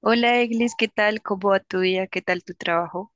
Hola, Eglis, ¿qué tal? ¿Cómo va tu día? ¿Qué tal tu trabajo?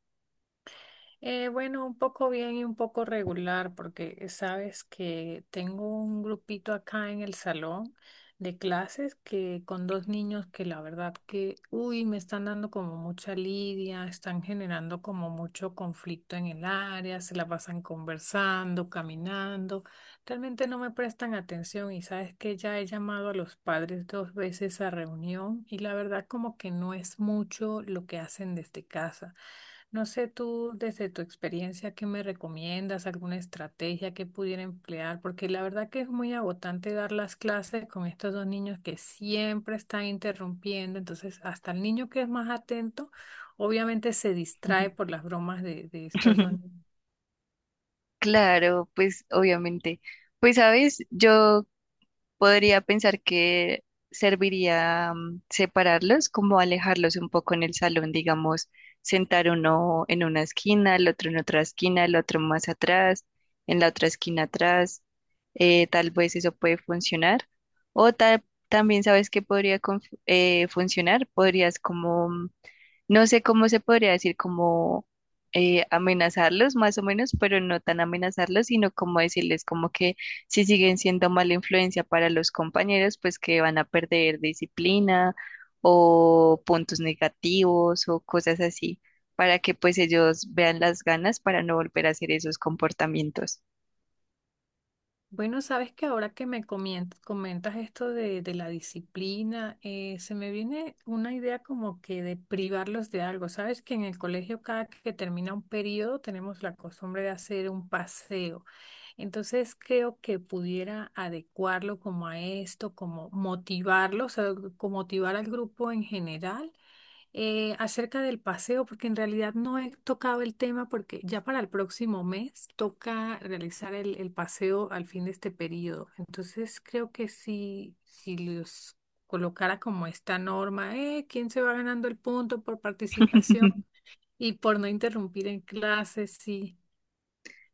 Bueno, un poco bien y un poco regular, porque sabes que tengo un grupito acá en el salón de clases que con dos niños que la verdad que, uy, me están dando como mucha lidia, están generando como mucho conflicto en el área, se la pasan conversando, caminando. Realmente no me prestan atención y sabes que ya he llamado a los padres dos veces a reunión y la verdad como que no es mucho lo que hacen desde casa. No sé tú desde tu experiencia qué me recomiendas, alguna estrategia que pudiera emplear, porque la verdad que es muy agotante dar las clases con estos dos niños que siempre están interrumpiendo, entonces hasta el niño que es más atento obviamente se Ujú. distrae por las bromas de estos dos niños. Claro, pues obviamente. Pues sabes, yo podría pensar que serviría separarlos, como alejarlos un poco en el salón, digamos, sentar uno en una esquina, el otro en otra esquina, el otro más atrás, en la otra esquina atrás. Tal vez eso puede funcionar. O tal, también sabes que podría funcionar, podrías como no sé cómo se podría decir, como amenazarlos más o menos, pero no tan amenazarlos, sino como decirles como que si siguen siendo mala influencia para los compañeros, pues que van a perder disciplina o puntos negativos o cosas así, para que pues ellos vean las ganas para no volver a hacer esos comportamientos. Bueno, sabes que ahora que me comentas esto de la disciplina, se me viene una idea como que de privarlos de algo. Sabes que en el colegio cada que termina un periodo tenemos la costumbre de hacer un paseo. Entonces creo que pudiera adecuarlo como a esto, como motivarlos, o sea, como motivar al grupo en general acerca del paseo, porque en realidad no he tocado el tema, porque ya para el próximo mes toca realizar el paseo al fin de este periodo. Entonces creo que si los colocara como esta norma, ¿quién se va ganando el punto por participación y por no interrumpir en clases? Sí.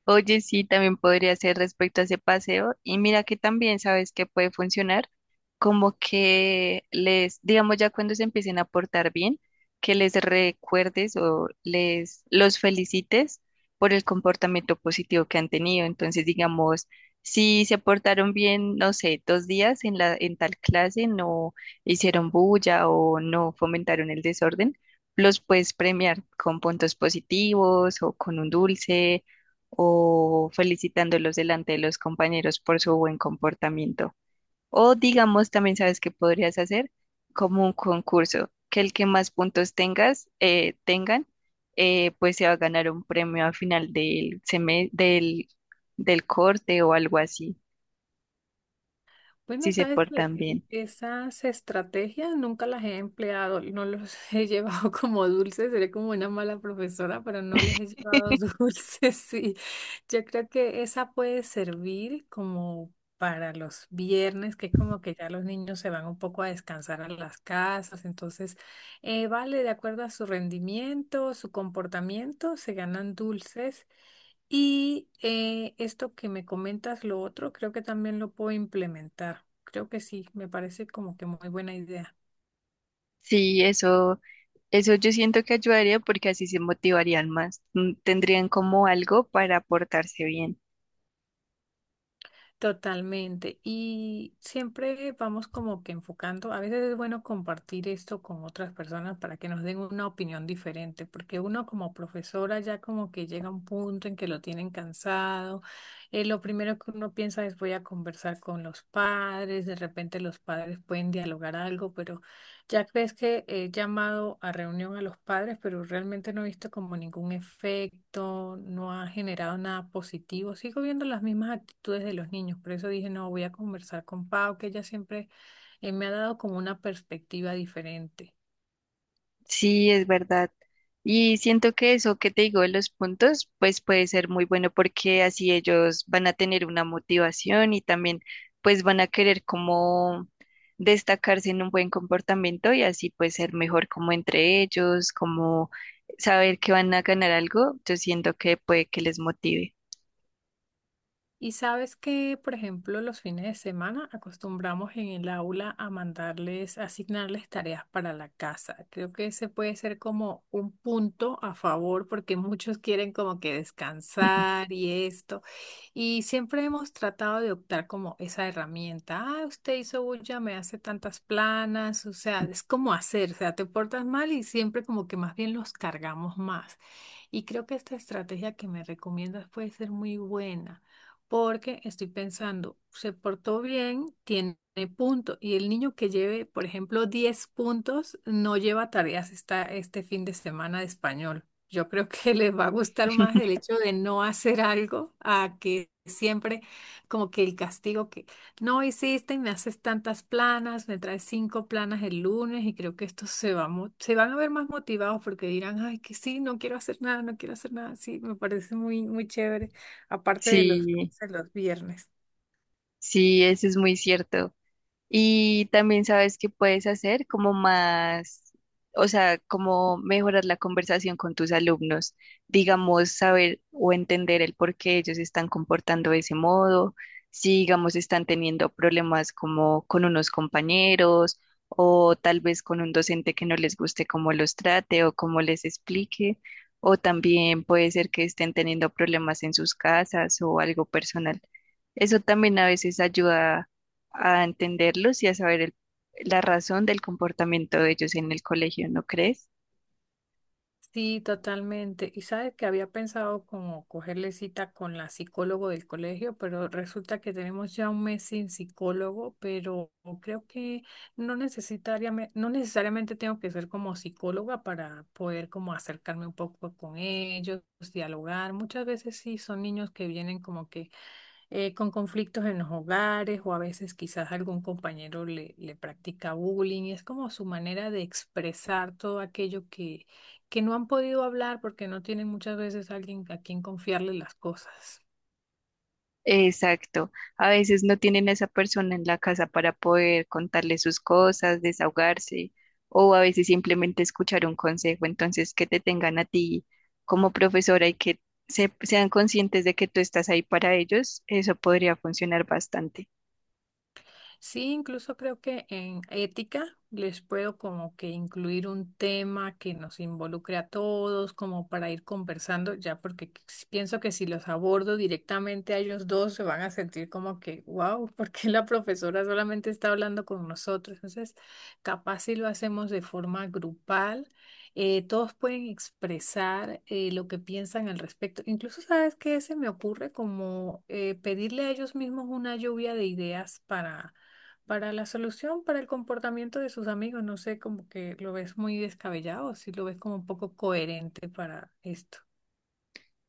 Oye, sí, también podría ser respecto a ese paseo. Y mira que también sabes que puede funcionar, como que les, digamos ya cuando se empiecen a portar bien, que les recuerdes o les los felicites por el comportamiento positivo que han tenido. Entonces, digamos, si se portaron bien, no sé, dos días en la, en tal clase, no hicieron bulla o no fomentaron el desorden, los puedes premiar con puntos positivos o con un dulce o felicitándolos delante de los compañeros por su buen comportamiento. O digamos, también sabes que podrías hacer como un concurso, que el que más puntos tengan, pues se va a ganar un premio al final del corte o algo así, Bueno, si se sabes que portan bien. esas estrategias nunca las he empleado, no los he llevado como dulces, seré como una mala profesora, pero no les he llevado dulces, sí. Yo creo que esa puede servir como para los viernes, que como que ya los niños se van un poco a descansar a las casas, entonces, vale, de acuerdo a su rendimiento, su comportamiento, se ganan dulces. Y esto que me comentas, lo otro, creo que también lo puedo implementar. Creo que sí, me parece como que muy buena idea. Sí, eso yo siento que ayudaría porque así se motivarían más, tendrían como algo para portarse bien. Totalmente. Y siempre vamos como que enfocando, a veces es bueno compartir esto con otras personas para que nos den una opinión diferente, porque uno como profesora ya como que llega a un punto en que lo tienen cansado. Lo primero que uno piensa es voy a conversar con los padres, de repente los padres pueden dialogar algo, pero... Ya ves que he llamado a reunión a los padres, pero realmente no he visto como ningún efecto, no ha generado nada positivo. Sigo viendo las mismas actitudes de los niños, por eso dije, no, voy a conversar con Pau, que ella siempre me ha dado como una perspectiva diferente. Sí, es verdad. Y siento que eso que te digo de los puntos, pues puede ser muy bueno porque así ellos van a tener una motivación y también pues van a querer como destacarse en un buen comportamiento y así pues ser mejor como entre ellos, como saber que van a ganar algo, yo siento que puede que les motive. Y sabes que, por ejemplo, los fines de semana acostumbramos en el aula a mandarles, a asignarles tareas para la casa. Creo que ese puede ser como un punto a favor porque muchos quieren como que descansar y esto. Y siempre hemos tratado de optar como esa herramienta. Ah, usted hizo bulla, me hace tantas planas. O sea, es como hacer, o sea, te portas mal y siempre como que más bien los cargamos más. Y creo que esta estrategia que me recomiendas puede ser muy buena porque estoy pensando, se portó bien, tiene punto, y el niño que lleve, por ejemplo, 10 puntos, no lleva tareas este fin de semana de español. Yo creo que le va a gustar más el hecho de no hacer algo a que siempre como que el castigo que no hiciste, me haces tantas planas, me traes cinco planas el lunes y creo que estos se van a ver más motivados porque dirán, ay, que sí, no quiero hacer nada, no quiero hacer nada. Sí, me parece muy, muy chévere aparte de los, Sí, de los viernes. sí, eso es muy cierto. Y también sabes que puedes hacer como más, o sea, como mejorar la conversación con tus alumnos, digamos, saber o entender el por qué ellos se están comportando de ese modo, si, digamos, están teniendo problemas como con unos compañeros o tal vez con un docente que no les guste cómo los trate o cómo les explique, o también puede ser que estén teniendo problemas en sus casas o algo personal. Eso también a veces ayuda a entenderlos y a saber la razón del comportamiento de ellos en el colegio, ¿no crees? Sí, totalmente. Y sabes que había pensado como cogerle cita con la psicólogo del colegio, pero resulta que tenemos ya un mes sin psicólogo, pero creo que no necesariamente tengo que ser como psicóloga para poder como acercarme un poco con ellos, dialogar. Muchas veces sí son niños que vienen como que con conflictos en los hogares o a veces quizás algún compañero le practica bullying. Y es como su manera de expresar todo aquello que no han podido hablar porque no tienen muchas veces alguien a quien confiarle las cosas. Exacto. A veces no tienen a esa persona en la casa para poder contarle sus cosas, desahogarse, o a veces simplemente escuchar un consejo. Entonces, que te tengan a ti como profesora y que sean conscientes de que tú estás ahí para ellos, eso podría funcionar bastante. Sí, incluso creo que en ética les puedo como que incluir un tema que nos involucre a todos, como para ir conversando, ya porque pienso que si los abordo directamente a ellos dos se van a sentir como que, wow, ¿por qué la profesora solamente está hablando con nosotros? Entonces, capaz si lo hacemos de forma grupal, todos pueden expresar lo que piensan al respecto. Incluso, ¿sabes qué? Se me ocurre como pedirle a ellos mismos una lluvia de ideas para la solución, para el comportamiento de sus amigos, no sé, como que lo ves muy descabellado, si lo ves como un poco coherente para esto.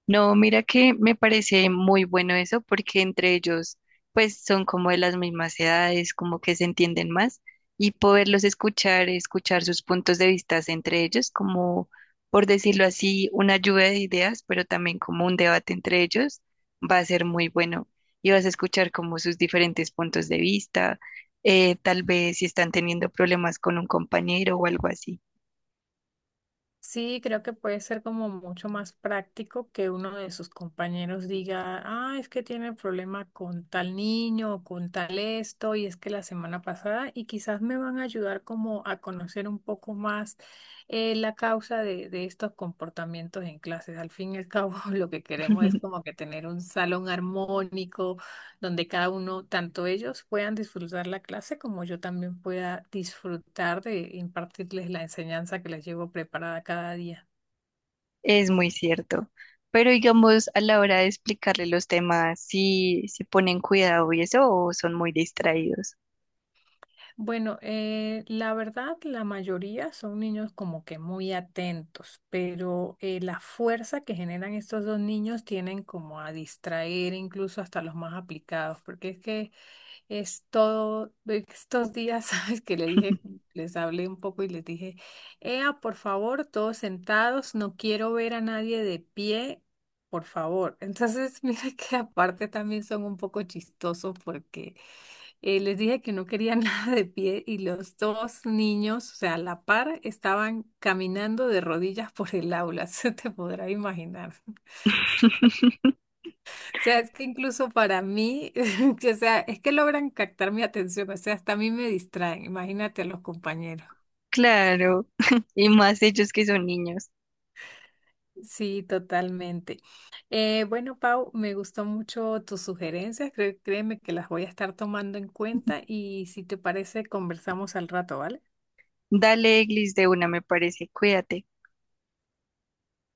No, mira que me parece muy bueno eso porque entre ellos pues son como de las mismas edades, como que se entienden más y poderlos escuchar, escuchar sus puntos de vista entre ellos, como por decirlo así, una lluvia de ideas, pero también como un debate entre ellos, va a ser muy bueno y vas a escuchar como sus diferentes puntos de vista, tal vez si están teniendo problemas con un compañero o algo así. Sí, creo que puede ser como mucho más práctico que uno de sus compañeros diga, ah, es que tiene problema con tal niño o con tal esto, y es que la semana pasada, y quizás me van a ayudar como a conocer un poco más la causa de estos comportamientos en clases. Al fin y al cabo, lo que queremos es como que tener un salón armónico donde cada uno, tanto ellos puedan disfrutar la clase como yo también pueda disfrutar de impartirles la enseñanza que les llevo preparada cada día. Es muy cierto. Pero digamos, a la hora de explicarle los temas, si se ponen cuidado y eso, o son muy distraídos. Bueno, la verdad, la mayoría son niños como que muy atentos, pero la fuerza que generan estos dos niños tienen como a distraer incluso hasta los más aplicados, porque es que es todo, estos días, sabes que le dije, les hablé un poco y les dije, ea, por favor, todos sentados, no quiero ver a nadie de pie, por favor. Entonces, mira que aparte también son un poco chistosos porque les dije que no quería nada de pie y los dos niños, o sea, a la par, estaban caminando de rodillas por el aula, se te podrá imaginar. O sea, es que incluso para mí, que, o sea, es que logran captar mi atención, o sea, hasta a mí me distraen, imagínate a los compañeros. Claro, y más ellos que son niños. Sí, totalmente. Bueno, Pau, me gustó mucho tus sugerencias, créeme que las voy a estar tomando en cuenta y si te parece, conversamos al rato, ¿vale? Dale, Eglis, de una, me parece, cuídate.